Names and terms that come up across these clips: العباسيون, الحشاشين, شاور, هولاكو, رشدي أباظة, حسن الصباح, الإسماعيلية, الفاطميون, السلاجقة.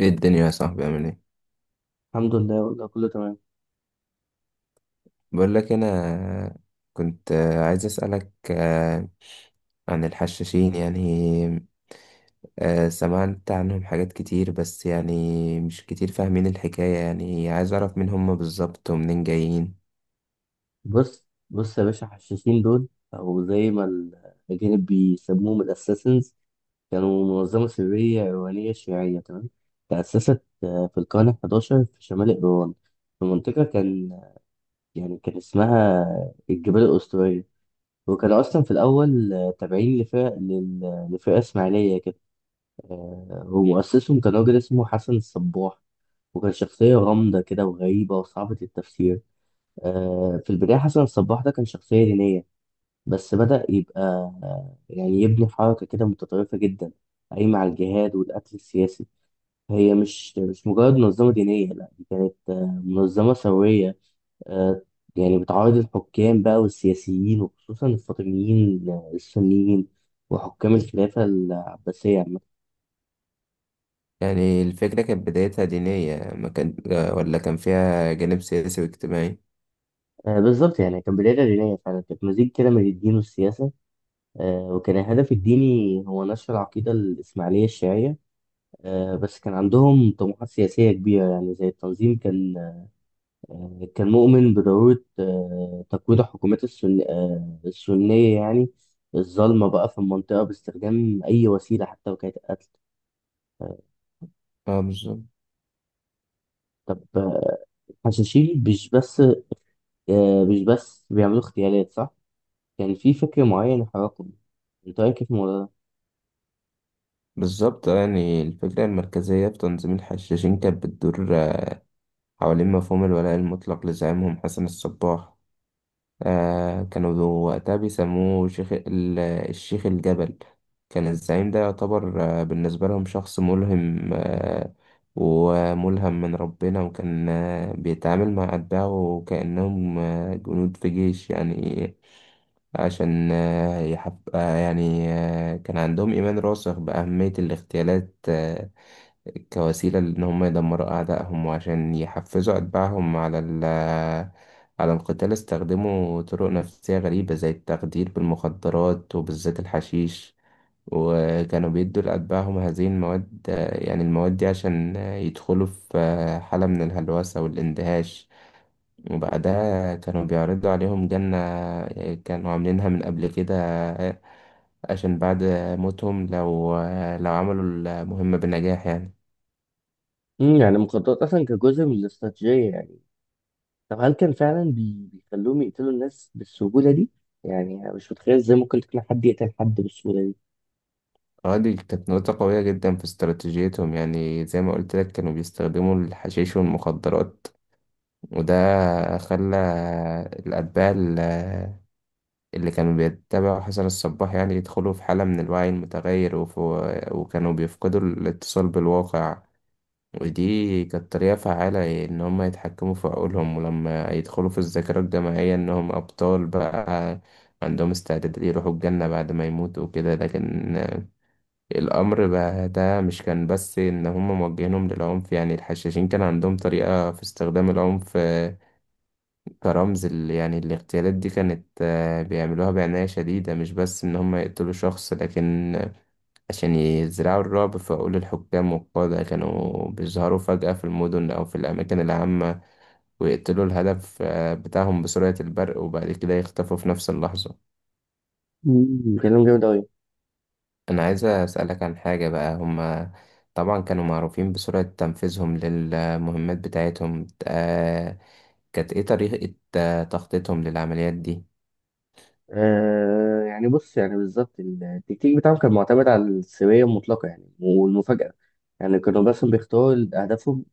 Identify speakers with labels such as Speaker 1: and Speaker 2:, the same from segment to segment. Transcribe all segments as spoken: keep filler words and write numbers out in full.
Speaker 1: ايه الدنيا يا صاحبي، عامل ايه؟
Speaker 2: الحمد لله والله كله تمام.
Speaker 1: بقول لك انا. كنت عايز اسالك آه، عن الحشاشين يعني. آه، سمعت عنهم حاجات كتير بس يعني مش كتير فاهمين الحكايه، يعني عايز اعرف مين هم بالظبط ومنين جايين.
Speaker 2: بص بص يا باشا، حشاشين دول او زي ما ال- الاجانب بيسموهم الاساسنز. كانوا منظمه سريه ايرانيه شيعيه، تمام. تاسست آه، في القرن حداشر في شمال ايران، في منطقه كان يعني كان اسمها الجبال الاسطوريه. وكانوا اصلا في الاول آه، تابعين لفرق لل- لفرقه اسماعيليه كده. آه، ومؤسسهم كان راجل اسمه حسن الصباح، وكان شخصيه غامضه كده وغريبه وصعبه التفسير. آه، في البداية حسن الصباح ده كان شخصية دينية، بس بدأ يبقى، آه، يعني يبني حركة كده متطرفة جدا، قايمة على الجهاد والقتل السياسي. هي مش مش مجرد منظمة دينية، لا، ده منظمة ثورية. آه، يعني بتعارض الحكام بقى والسياسيين، وخصوصا الفاطميين آه، السنيين وحكام الخلافة العباسية عامة.
Speaker 1: يعني الفكره كانت بدايتها دينيه ما كان، آه، ولا كان فيها جانب سياسي واجتماعي؟
Speaker 2: آه، بالظبط، يعني كان بداية دينية فعلا، كانت مزيج كده من الدين والسياسة. آه، وكان الهدف الديني هو نشر العقيدة الإسماعيلية الشيعية. آه، بس كان عندهم طموحات سياسية كبيرة، يعني زي التنظيم كان آه، كان مؤمن بضرورة آه، تقويض الحكومات السن- آه، السنية يعني الظالمة بقى في المنطقة، باستخدام أي وسيلة حتى لو كانت قتل.
Speaker 1: اه، بالظبط.
Speaker 2: فحشاشين مش بس آه، مش بس بيعملوا اغتيالات، صح؟ كان في فكر معين حركهم. أنت رأيك إيه في الموضوع ده؟
Speaker 1: بالظبط، آه، يعني الفكره المركزيه في تنظيم الحشاشين كانت بتدور آه، حوالين مفهوم الولاء المطلق لزعيمهم حسن الصباح. آه كانوا ذو- وقتها بيسموه شيخ ال- الشيخ الجبل. كان الزعيم ده يعتبر آه بالنسبة لهم شخص ملهم آه وملهم من ربنا، وكان آه بيتعامل مع أتباعه كأنهم آه جنود في جيش يعني. عشان آه يحب آه يعني آه كان عندهم إيمان راسخ بأهمية الاغتيالات آه، كوسيلة لأن هم يدمروا أعدائهم، وعشان يحفزوا أتباعهم على ال على القتال، استخدموا طرق نفسية غريبة زي التخدير بالمخدرات وبالذات الحشيش. وكانوا بيدوا لأتباعهم هذه المواد، يعني المواد دي عشان يدخلوا في حالة من الهلوسة والاندهاش، وبعدها كانوا بيعرضوا عليهم جنة كانوا عاملينها من قبل كده، عشان بعد موتهم لو لو عملوا المهمة بنجاح يعني.
Speaker 2: مم، يعني المخدرات أصلا كجزء من الاستراتيجية يعني. طب هل كان فعلا بي- بيخلوهم يقتلوا الناس بالسهولة دي؟ يعني أنا مش متخيل ازاي ممكن تقنع حد يقتل حد بالسهولة دي.
Speaker 1: اه، دي كانت نقطة قوية جدا في استراتيجيتهم، يعني زي ما قلت لك كانوا بيستخدموا الحشيش والمخدرات. وده خلى الأتباع ال- اللي كانوا بيتبعوا حسن الصباح يعني يدخلوا في حالة من الوعي المتغير وف- وكانوا بيفقدوا الاتصال بالواقع. ودي كانت طريقة فعالة إن هم يتحكموا في عقولهم، ولما يدخلوا في الذاكرة الجماعية إنهم أبطال بقى عندهم استعداد يروحوا الجنة بعد ما يموتوا وكده. لكن الأمر بقى ده مش كان بس إن هم موجهينهم للعنف، يعني الحشاشين كان عندهم طريقة في استخدام العنف، آه، كرمز، ال- يعني الاغتيالات دي كانت آه، بيعملوها بعناية شديدة مش بس إن هم يقتلوا شخص، لكن عشان يزرعوا الرعب في عقول الحكام والقادة. كانوا بيظهروا فجأة في المدن أو في الأماكن العامة ويقتلوا الهدف آه، بتاعهم بسرعة البرق، وبعد كده يختفوا في نفس اللحظة.
Speaker 2: مم. كلام جامد أوي.
Speaker 1: أنا عايز أسألك عن حاجة بقى. هما طبعا كانوا معروفين بسرعة تنفيذهم للمهمات بتاعتهم، آه، كانت إيه طريقة آه، تخطيطهم للعمليات دي؟
Speaker 2: آه يعني بص، يعني بالظبط التكتيك بتاعهم كان معتمد على السرية المطلقة يعني والمفاجأة. يعني كانوا بس بيختاروا أهدافهم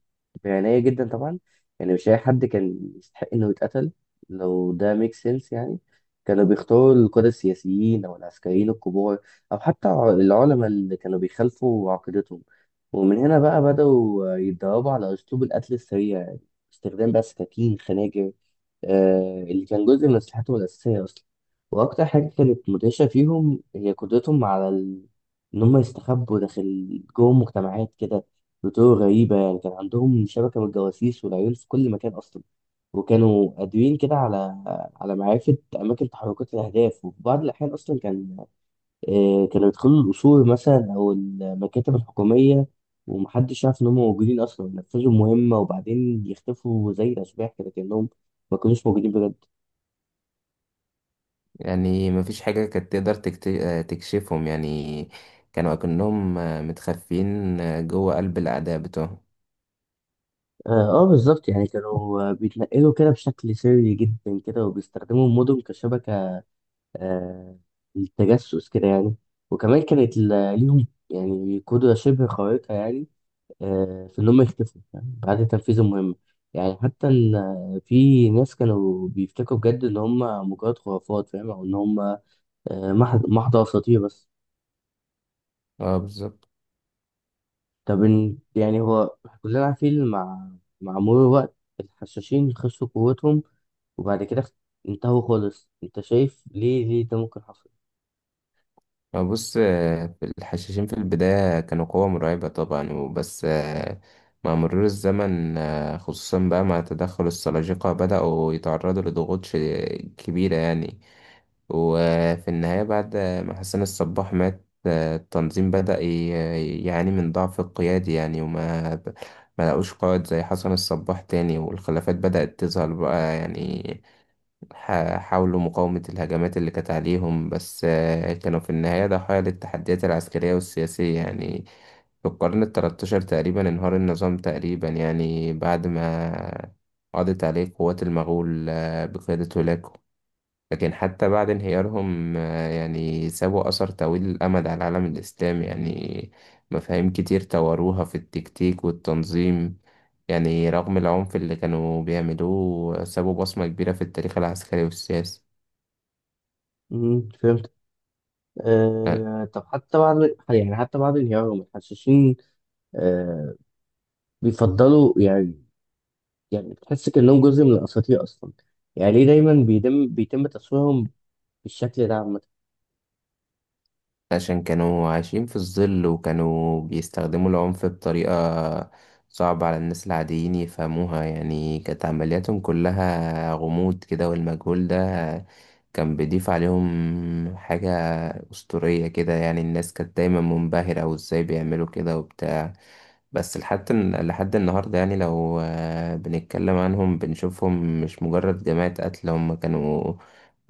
Speaker 2: بعناية جدا طبعا. يعني مش أي حد كان يستحق إنه يتقتل، لو ده ميك سنس يعني. كانوا بيختاروا القادة السياسيين أو العسكريين الكبار، أو حتى ع- العلماء اللي كانوا بيخالفوا عقيدتهم. ومن هنا بقى بدأوا يتدربوا على أسلوب القتل السريع، يعني استخدام بقى سكاكين خناجر، آه، اللي كان جزء من أسلحتهم الأساسية أصلا. وأكتر حاجة كانت مدهشة فيهم هي قدرتهم على ال... إن هم يستخبوا داخل جوه مجتمعات كده بطرق غريبة. يعني كان عندهم شبكة من الجواسيس والعيون في كل مكان أصلا، وكانوا قادرين كده على على معرفة أماكن تحركات الأهداف. وفي بعض الأحيان أصلا كان آه، كانوا يدخلوا القصور مثلا أو المكاتب الحكومية، ومحدش يعرف إن هم موجودين أصلا، ينفذوا مهمة وبعدين يختفوا زي الأشباح كده، كأنهم ما كانوش موجودين بجد.
Speaker 1: يعني مفيش حاجة كانت تقدر تكت- آه، تكشفهم يعني. كانوا أكنهم آه، متخفين آه، جوه قلب الأعداء بتوعهم.
Speaker 2: اه، آه، بالظبط. يعني كانوا آه، بيتنقلوا كده بشكل سري جدا كده، وبيستخدموا المدن كشبكة آه، للتجسس كده يعني. وكمان كانت ل- ليهم يعني قدرة شبه خارقة يعني، آه، في إنهم يختفوا يعني بعد تنفيذ المهمة. يعني حتى إن آه، في ناس كانوا بيفتكروا بجد إن هم مجرد خرافات، فاهم، أو إن هم آه، محض محض أساطير بس.
Speaker 1: اه، بالظبط.
Speaker 2: طب إن- يعني هو كلنا عارفين، مع مع مرور الوقت الحشاشين خسروا قوتهم وبعد كده اخت- انتهوا خالص. انت شايف ليه ليه ده ممكن حصل؟
Speaker 1: بص، آه، الحشاشين في البداية كانوا قوة مرعبة طبعا وبس، آه، مع مرور الزمن، آه، خصوصا بقى مع تدخل السلاجقة بدأوا يتعرضوا لضغوط ش- كبيرة يعني. وفي النهاية بعد ما حسن الصباح مات، آه، التنظيم بدأ ي- يعاني من ضعف القيادي يعني وما ب- ما لقوش قائد زي حسن الصباح تاني، والخلافات بدأت تظهر بقى يعني. ح- حاولوا مقاومة الهجمات اللي كانت عليهم، بس آه، كانوا في النهاية ضحايا للتحديات العسكرية والسياسية يعني. في القرن التلتاشر تقريبا انهار النظام تقريبا، يعني بعد ما قضت عليه قوات المغول، آه، بقيادة هولاكو. لكن حتى بعد انهيارهم، آه، يعني سابوا أثر طويل الأمد على العالم الإسلامي يعني. مفاهيم كتير طوروها في التكتيك والتنظيم، يعني رغم العنف اللي كانوا بيعملوه سابوا بصمة كبيرة في التاريخ العسكري والسياسي.
Speaker 2: امم فهمت. آه طب حتى بعد، يعني حتى بعد انهيارهم، الحشاشين آه بيفضلوا يعني، يعني بتحس كأنهم جزء من الأساطير أصلا. يعني ليه دايما بيتم بيتم تصويرهم بالشكل ده عامة؟
Speaker 1: عشان كانوا عايشين في الظل وكانوا بيستخدموا العنف بطريقة صعبة على الناس العاديين يفهموها، يعني كانت عملياتهم كلها غموض كده، والمجهول ده كان بيضيف عليهم حاجة أسطورية كده. يعني الناس كانت دايما منبهرة وازاي بيعملوا كده وبتاع. بس لحد لحد النهاردة يعني لو آه، بنتكلم عنهم بنشوفهم مش مجرد جماعة قتل، هم كانوا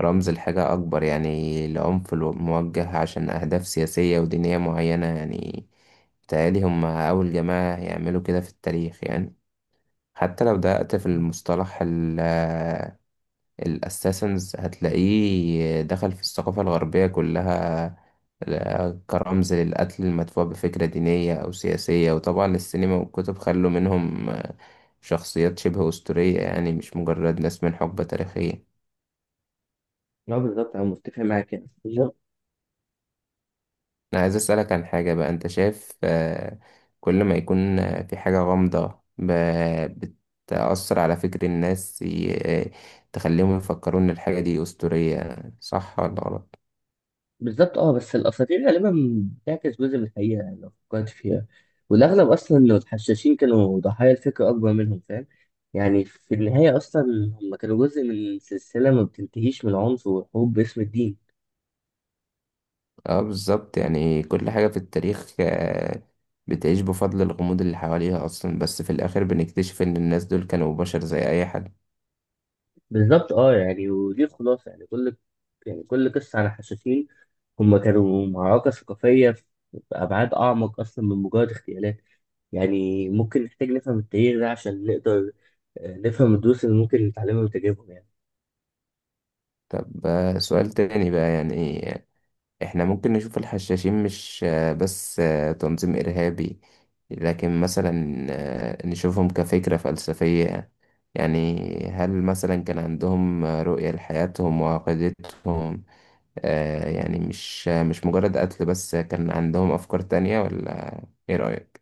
Speaker 1: رمز لحاجة أكبر، يعني لعنف الو- موجه عشان أهداف سياسية ودينية معينة يعني. بيتهيألي هم أول جماعة يعملوا كده في التاريخ يعني. حتى لو دققت في المصطلح الاساسنز هتلاقيه دخل في الثقافة الغربية كلها ل- كرمز للقتل المدفوع بفكرة دينية أو سياسية، وطبعا السينما والكتب خلوا منهم آه، شخصيات شبه أسطورية، يعني مش مجرد ناس من حقبة تاريخية.
Speaker 2: لا بالظبط، أنا متفق معاك يعني.
Speaker 1: أنا عايز أسألك عن حاجة بقى. أنت شايف آه، كل ما يكون آه، في حاجة غامضة ب- بتأثر على فكر الناس، ي- آه، تخليهم يفكروا إن الحاجة دي أسطورية، صح ولا غلط؟
Speaker 2: بالظبط، اه. بس الاساطير غالبا بتعكس جزء من الحقيقه، يعني لو فكرت فيها، والاغلب اصلا انه الحشاشين كانوا ضحايا الفكر اكبر منهم، فاهم. يعني في النهايه اصلا هم كانوا جزء من سلسله ما بتنتهيش من العنف والحروب باسم الدين.
Speaker 1: اه، بالظبط. يعني كل حاجة في التاريخ آه، بتعيش بفضل الغموض اللي حواليها أصلا، بس في الآخر بنكتشف إن الناس دول كانوا بشر زي أي حد.
Speaker 2: بالظبط، اه، يعني ودي الخلاصه يعني. كل يعني كل قصه عن الحشاشين، هم كانوا معركه ثقافيه في ابعاد اعمق اصلا من مجرد اغتيالات. يعني ممكن نحتاج نفهم التاريخ ده عشان نقدر آه، نفهم الدروس اللي ممكن نتعلمها من تجاربهم يعني.
Speaker 1: طب، آه، سؤال تاني بقى يعني. إحنا ممكن نشوف الحشاشين مش آه، بس آه، تنظيم إرهابي، لكن مثلا آه، نشوفهم كفكرة فلسفية. يعني هل مثلا كان عندهم آه، رؤية لحياتهم وعقيدتهم؟ آه يعني مش مش مجرد قتل، بس كان عندهم أفكار تانية ولا إيه رأيك؟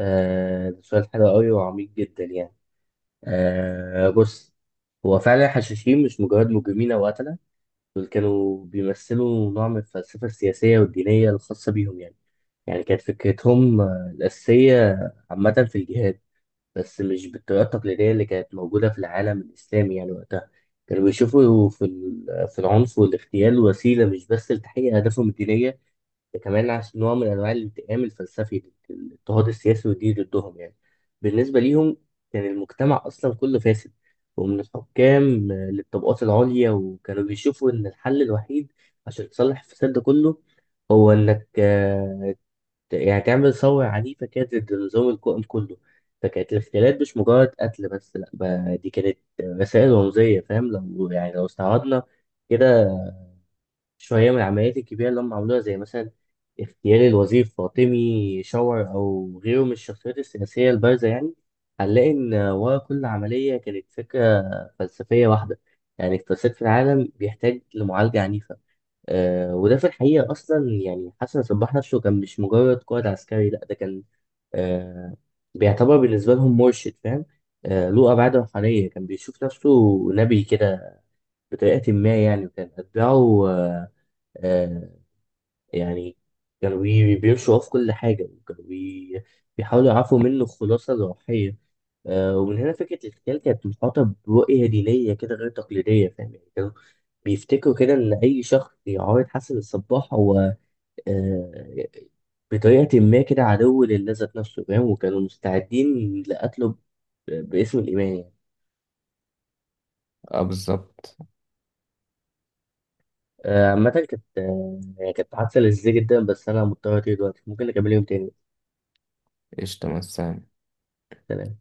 Speaker 2: آه ده سؤال حلو قوي وعميق جدا يعني. آه بص، هو فعلا الحشاشين مش مجرد مجرمين أو قتلة. دول كانوا بيمثلوا نوع من الفلسفة السياسية والدينية الخاصة بيهم يعني. يعني كانت فكرتهم آه، الأساسية عامة في الجهاد، بس مش بالطريقة التقليدية اللي كانت موجودة في العالم الإسلامي يعني وقتها. كانوا بيشوفوا في ال- في العنف والاغتيال وسيلة، مش بس لتحقيق أهدافهم الدينية، ده كمان عشان نوع من انواع الانتقام الفلسفي للاضطهاد السياسي والديني ضدهم يعني. بالنسبه ليهم كان المجتمع اصلا كله فاسد، ومن الحكام للطبقات العليا، وكانوا بيشوفوا ان الحل الوحيد عشان تصلح الفساد ده كله هو انك آه، ت- يعني تعمل ثوره عنيفه كده ضد النظام القائم كله. فكانت الاغتيالات مش مجرد قتل بس، لا بقى، دي كانت رسائل رمزيه، فاهم. لو يعني لو استعرضنا كده شوية من العمليات الكبيرة اللي هم عملوها، زي مثلا اغتيال الوزير فاطمي شاور أو غيره من الشخصيات السياسية البارزة يعني، هنلاقي إن ورا كل عملية كانت فكرة فلسفية واحدة. يعني الفساد في العالم بيحتاج لمعالجة عنيفة. آه وده في الحقيقة أصلا يعني، حسن صباح نفسه كان مش مجرد قائد عسكري، لأ، ده كان آه بيعتبر بالنسبة لهم مرشد، فاهم، آه له أبعاد روحانية. كان بيشوف نفسه نبي كده بطريقة ما يعني، وكان أتباعه آه آه، يعني كانوا بي- بيمشوا وراه في كل حاجة، وكانوا بي- بيحاولوا يعرفوا منه الخلاصة الروحية. آه، ومن هنا فكرة الخيال كانت محاطة برؤية دينية كده غير تقليدية، فاهم. يعني كانوا بيفتكروا كده إن أي شخص يعارض حسن الصباح هو آه، بطريقة ما كده عدو لله ذات نفسه، فاهم، وكانوا مستعدين لقتله ب- باسم الإيمان يعني.
Speaker 1: اه، بالظبط.
Speaker 2: آه، عامة كانت آه، يعني كانت حادثة لذيذة جدا، بس أنا مضطر أطير دلوقتي. ممكن نكمل يوم تاني.
Speaker 1: قشطة مثلا.
Speaker 2: سلام.